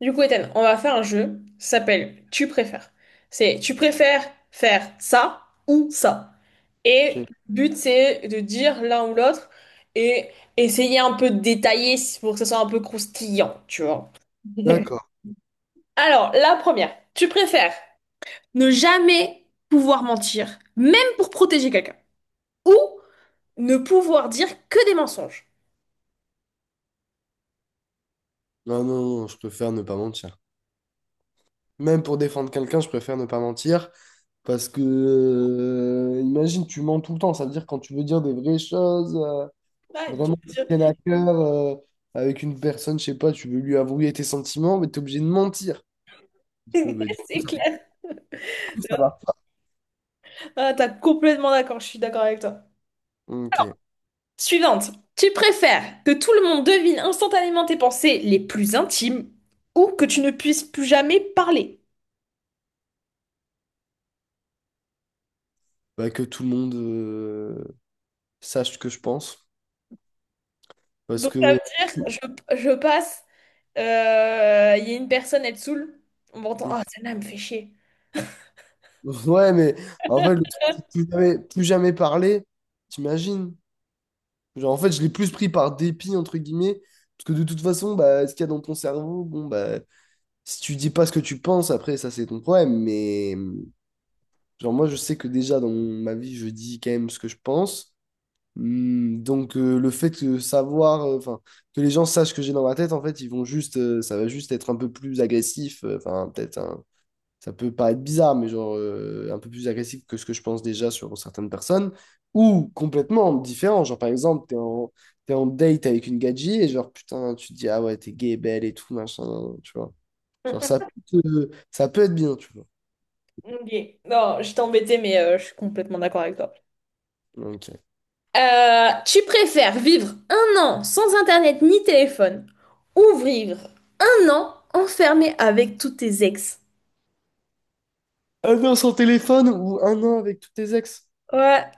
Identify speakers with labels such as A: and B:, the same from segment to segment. A: Du coup, Ethan, on va faire un jeu, ça s'appelle Tu préfères. C'est tu préfères faire ça ou ça. Et
B: Ok.
A: le but, c'est de dire l'un ou l'autre et essayer un peu de détailler pour que ça soit un peu croustillant, tu vois.
B: D'accord.
A: Alors, la première, tu préfères ne jamais pouvoir mentir, même pour protéger quelqu'un, ou ne pouvoir dire que des mensonges.
B: Non, non, non, je préfère ne pas mentir. Même pour défendre quelqu'un, je préfère ne pas mentir. Parce que, imagine, tu mens tout le temps. Ça veut dire quand tu veux dire des vraies choses,
A: Ouais, tu
B: vraiment qui
A: veux
B: te
A: dire-
B: tiennent à cœur, avec une personne, je sais pas, tu veux lui avouer tes sentiments, mais t'es obligé de mentir. Parce que, bah, du
A: c'est clair.
B: coup, ça va.
A: Ah, t'as complètement d'accord, je suis d'accord avec toi.
B: Ok.
A: Suivante. Tu préfères que tout le monde devine instantanément tes pensées les plus intimes ou que tu ne puisses plus jamais parler?
B: Bah, que tout le monde sache ce que je pense. Parce
A: Donc ça
B: que.
A: veut dire, je passe, il y a une personne, elle saoule, on m'entend,
B: Mm.
A: ah, celle-là, elle me fait chier.
B: Ouais, mais en fait, le truc, c'est plus jamais parler, t'imagines? Genre, en fait, je l'ai plus pris par dépit, entre guillemets, parce que de toute façon, bah, ce qu'il y a dans ton cerveau, bon, bah, si tu dis pas ce que tu penses, après, ça, c'est ton problème. Mais, genre, moi, je sais que déjà, dans ma vie, je dis quand même ce que je pense. Hmm, donc, le fait de savoir, enfin, que les gens sachent ce que j'ai dans ma tête, en fait, ils vont juste, ça va juste être un peu plus agressif, enfin, peut-être un, ça peut paraître bizarre, mais genre un peu plus agressif que ce que je pense déjà sur certaines personnes, ou complètement différent. Genre, par exemple, t'es en date avec une gadji et genre, putain, tu te dis, ah ouais, t'es gay, belle et tout, machin, tu vois. Genre, ça peut être bien, tu vois.
A: Ok. Non, je t'ai embêté, mais je suis complètement d'accord avec toi.
B: Ok.
A: Tu préfères vivre un an sans internet ni téléphone ou vivre un an enfermé avec tous tes ex?
B: Un an sans téléphone ou un an avec tous tes ex?
A: Ouais,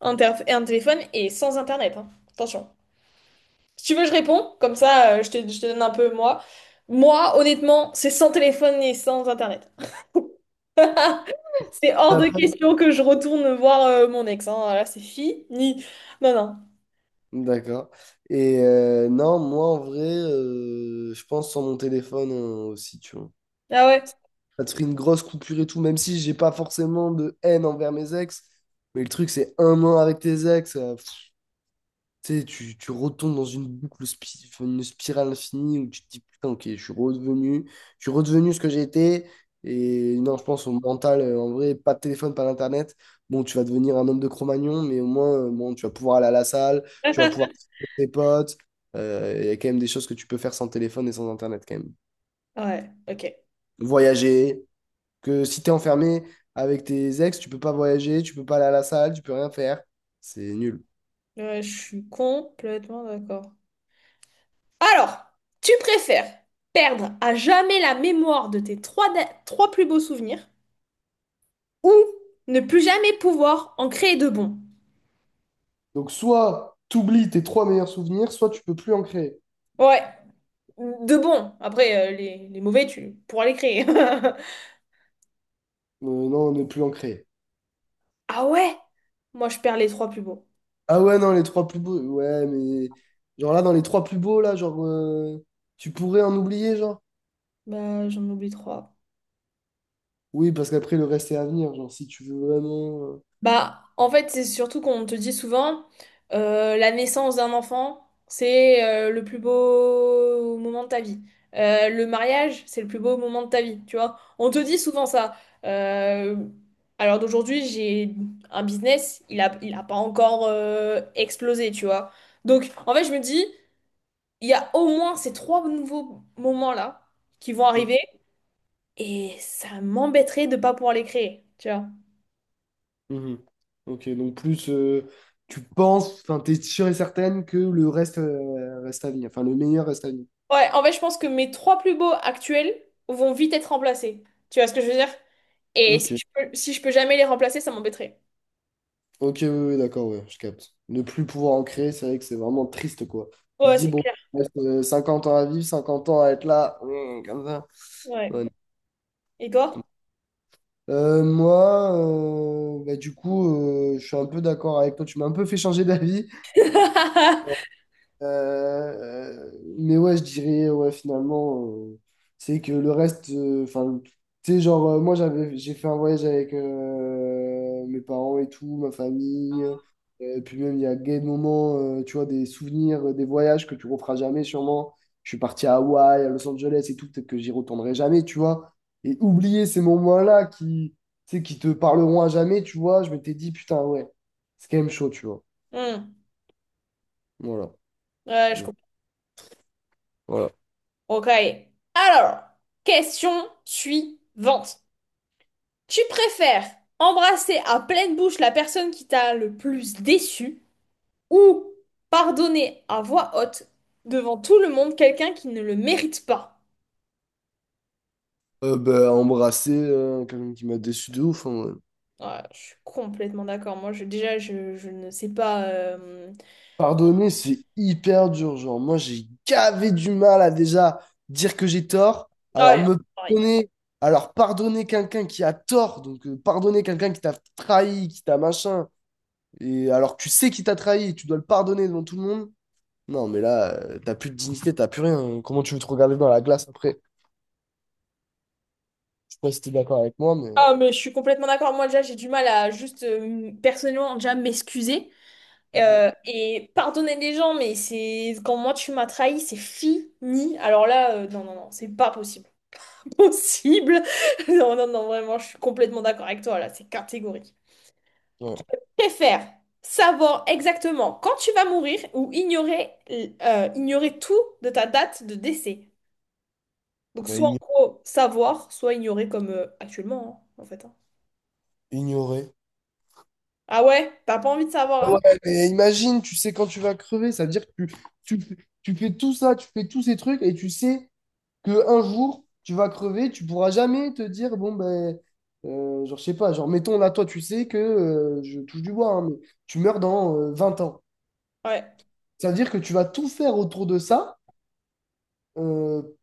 A: Un téléphone et sans internet, hein. Attention. Si tu veux, je réponds, comme ça je te donne un peu moi. Moi, honnêtement, c'est sans téléphone et sans internet. C'est hors
B: T'as
A: de
B: pas-
A: question que je retourne voir mon ex, hein. Là, c'est fini. Non, non.
B: D'accord. Et non, moi, en vrai, je pense sans mon téléphone aussi, tu vois.
A: Ah ouais?
B: Ça te ferait une grosse coupure et tout, même si j'ai pas forcément de haine envers mes ex. Mais le truc, c'est un an avec tes ex, pff, tu sais, tu retombes dans une boucle, une spirale infinie où tu te dis, putain, ok, je suis redevenu ce que j'ai été. Et non, je pense au mental, en vrai, pas de téléphone, pas d'internet. Bon, tu vas devenir un homme de Cro-Magnon, mais au moins, bon, tu vas pouvoir aller à la salle, tu vas pouvoir trouver tes potes. Il y a quand même des choses que tu peux faire sans téléphone et sans internet, quand même.
A: Ouais, ok.
B: Voyager. Que si t'es enfermé avec tes ex, tu peux pas voyager, tu peux pas aller à la salle, tu peux rien faire. C'est nul.
A: Ouais, je suis complètement d'accord. Alors, tu préfères perdre à jamais la mémoire de tes trois plus beaux souvenirs ou ne plus jamais pouvoir en créer de bons?
B: Donc soit t'oublies tes trois meilleurs souvenirs, soit tu peux plus en créer.
A: Ouais. De bons. Après, les mauvais, tu pourras les créer.
B: Non, ne plus en créer.
A: Ah ouais? Moi, je perds les trois plus beaux.
B: Ah ouais, non, les trois plus beaux. Ouais, mais genre là, dans les trois plus beaux, là, genre, tu pourrais en oublier, genre.
A: Bah, j'en oublie trois.
B: Oui, parce qu'après, le reste est à venir. Genre, si tu veux vraiment.
A: Bah, en fait, c'est surtout qu'on te dit souvent, la naissance d'un enfant, c'est le plus beau moment de ta vie. Le mariage, c'est le plus beau moment de ta vie, tu vois. On te dit souvent ça. Euh, alors d'aujourd'hui, j'ai un business, il a pas encore explosé, tu vois. Donc, en fait, je me dis. Il y a au moins ces trois nouveaux moments-là qui vont
B: euh,
A: arriver et ça m'embêterait de pas pouvoir les créer, tu vois.
B: mhm. Ok, donc plus tu penses, enfin, t'es sûr et certaine que le reste reste à venir. Enfin, le meilleur reste à venir.
A: Ouais, en fait, je pense que mes trois plus beaux actuels vont vite être remplacés. Tu vois ce que je veux dire? Et si
B: Ok.
A: je peux, si je peux jamais les remplacer, ça m'embêterait.
B: Ok, oui, oui, d'accord, ouais, je capte. Ne plus pouvoir en créer, c'est vrai que c'est vraiment triste, quoi. Tu te
A: Ouais,
B: dis,
A: c'est
B: bon,
A: clair.
B: il reste 50 ans à vivre, 50 ans à être là, comme ça.
A: Ouais.
B: Ouais, non.
A: Et
B: Je comprends.
A: toi?
B: Moi, bah, du coup, je suis un peu d'accord avec toi. Tu m'as un peu fait changer d'avis. Euh, mais ouais, je dirais, ouais, finalement, c'est que le reste, enfin, tu sais, genre, moi, j'ai fait un voyage avec mes parents et tout, ma famille. Puis même, il y a des moments, tu vois, des souvenirs, des voyages que tu referas jamais, sûrement. Je suis parti à Hawaï, à Los Angeles et tout, peut-être que j'y retournerai jamais, tu vois. Et oublier ces moments-là qui, tu sais, qui te parleront à jamais, tu vois, je m'étais dit, putain, ouais, c'est quand même chaud, tu vois.
A: Hmm.
B: Voilà.
A: Ouais, je comprends.
B: Voilà.
A: Ok. Alors, question suivante. Tu préfères embrasser à pleine bouche la personne qui t'a le plus déçu? Ou pardonner à voix haute devant tout le monde quelqu'un qui ne le mérite pas.
B: Bah, embrasser quelqu'un qui m'a déçu de ouf, hein, ouais.
A: Ouais, je suis complètement d'accord. Moi, je, déjà, je ne sais pas.
B: Pardonner, c'est hyper dur. Genre, moi, j'ai gavé du mal à déjà dire que j'ai tort.
A: Ah,
B: Alors,
A: ouais,
B: me
A: pareil.
B: pardonner, alors pardonner quelqu'un qui a tort. Donc, pardonner quelqu'un qui t'a trahi, qui t'a machin. Et alors, que tu sais qu'il t'a trahi, et tu dois le pardonner devant tout le monde. Non, mais là, t'as plus de dignité, t'as plus rien, hein. Comment tu veux te regarder dans la glace après? Je sais pas si t'es d'accord avec moi, mais.
A: Ah, mais je suis complètement d'accord. Moi, déjà, j'ai du mal à juste personnellement déjà m'excuser
B: euh,
A: et pardonner les gens. Mais c'est quand moi tu m'as trahi, c'est fini. Alors là, non, non, non, c'est pas possible. Possible. Non, non, non, vraiment, je suis complètement d'accord avec toi là. C'est catégorique.
B: Ouais.
A: Préfère savoir exactement quand tu vas mourir ou ignorer tout de ta date de décès. Donc
B: Ouais,
A: soit en
B: igno-
A: gros savoir, soit ignorer comme actuellement hein, en fait, hein.
B: Ignorer.
A: Ah ouais, t'as pas envie de savoir, hein.
B: Ouais, mais imagine, tu sais quand tu vas crever, ça veut dire que tu, tu, tu fais tout ça, tu fais tous ces trucs et tu sais que un jour, tu vas crever, tu pourras jamais te dire, bon, ben, genre, je sais pas, genre, mettons là, toi, tu sais que, je touche du bois, hein, mais tu meurs dans 20 ans.
A: Ouais,
B: Ça veut dire que tu vas tout faire autour de ça, euh,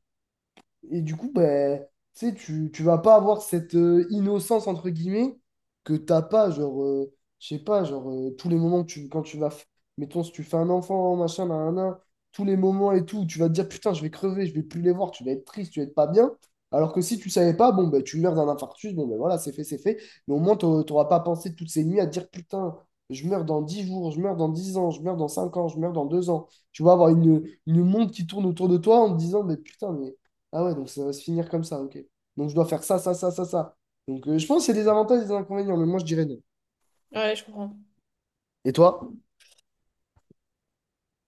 B: et du coup, ben, tu sais, tu vas pas avoir cette innocence, entre guillemets, que t'as pas, genre, je sais pas, genre, tous les moments que tu, quand tu vas, mettons, si tu fais un enfant, machin, nanana, tous les moments et tout, tu vas te dire, putain, je vais crever, je vais plus les voir, tu vas être triste, tu vas être pas bien. Alors que si tu savais pas, bon, ben, tu meurs d'un infarctus, bon, ben voilà, c'est fait, c'est fait. Mais au moins, t'auras pas pensé toutes ces nuits à te dire, putain, je meurs dans 10 jours, je meurs dans 10 ans, je meurs dans 5 ans, je meurs dans 2 ans. Tu vas avoir une montre qui tourne autour de toi en te disant, mais putain, mais ah ouais, donc ça va se finir comme ça, ok. Donc je dois faire ça, ça, ça, ça, ça. Donc je pense que c'est des avantages et des inconvénients, mais moi je dirais non.
A: ouais, je comprends.
B: Et toi?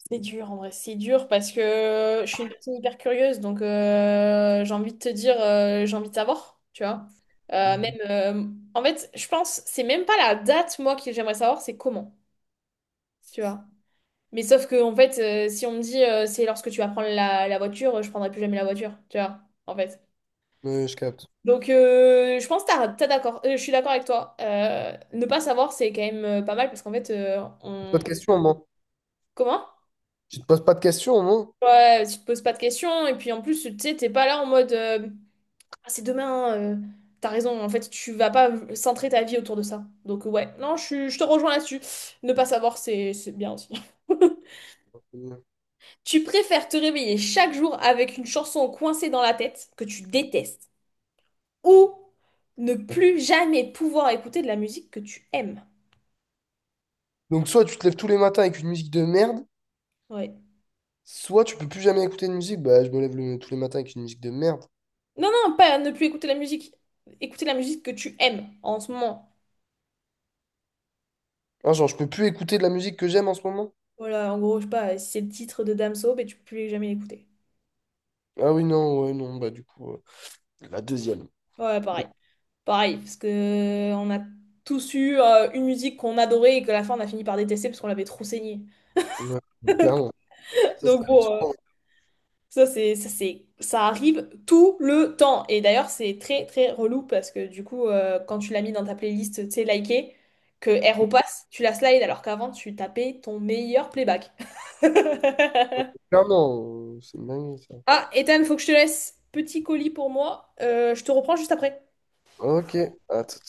A: C'est dur en vrai, c'est dur parce que je suis une personne hyper curieuse, donc j'ai envie de te dire, j'ai envie de savoir, tu vois. Même,
B: Mhm.
A: en fait, je pense, c'est même pas la date moi que j'aimerais savoir, c'est comment, tu vois. Mais sauf que, en fait, si on me dit c'est lorsque tu vas prendre la voiture, je prendrai plus jamais la voiture, tu vois, en fait.
B: Ouais, je capte.
A: Donc, je pense que t'as d'accord, je suis d'accord avec toi. Ne pas savoir, c'est quand même pas mal parce qu'en fait,
B: Pas
A: on.
B: de questions, moi.
A: Comment?
B: Je te pose pas de questions, moi.
A: Ouais, tu te poses pas de questions et puis en plus, tu sais, t'es pas là en mode. Ah, c'est demain, hein, t'as raison, en fait, tu vas pas centrer ta vie autour de ça. Donc, ouais, non, je te rejoins là-dessus. Ne pas savoir, c'est bien aussi. Tu préfères te réveiller chaque jour avec une chanson coincée dans la tête que tu détestes ou ne plus jamais pouvoir écouter de la musique que tu aimes?
B: Donc soit tu te lèves tous les matins avec une musique de merde,
A: Ouais.
B: soit tu peux plus jamais écouter de musique. Bah je me lève tous les matins avec une musique de merde.
A: Non, non, pas ne plus écouter la musique. Écouter la musique que tu aimes en ce moment.
B: Ah, genre je peux plus écouter de la musique que j'aime en ce moment?
A: Voilà, en gros, je sais pas, si c'est le titre de Damso, mais tu peux plus jamais l'écouter.
B: Ah oui, non, ouais, non, bah du coup, la deuxième.
A: Ouais, pareil. Pareil, parce que on a tous eu une musique qu'on adorait et que à la fin on a fini par détester parce qu'on l'avait trop saignée.
B: Ouais. Clairement. Ça,
A: Donc bon. Ça arrive tout le temps. Et d'ailleurs, c'est très, très relou parce que du coup, quand tu l'as mis dans ta playlist, tu sais, likée, que elle repasse, tu la slides alors qu'avant, tu tapais ton meilleur playback.
B: clairement, c'est une dinguerie, ça.
A: Ah, Ethan, faut que je te laisse. Petit colis pour moi. Je te reprends juste après.
B: Ok, à tout.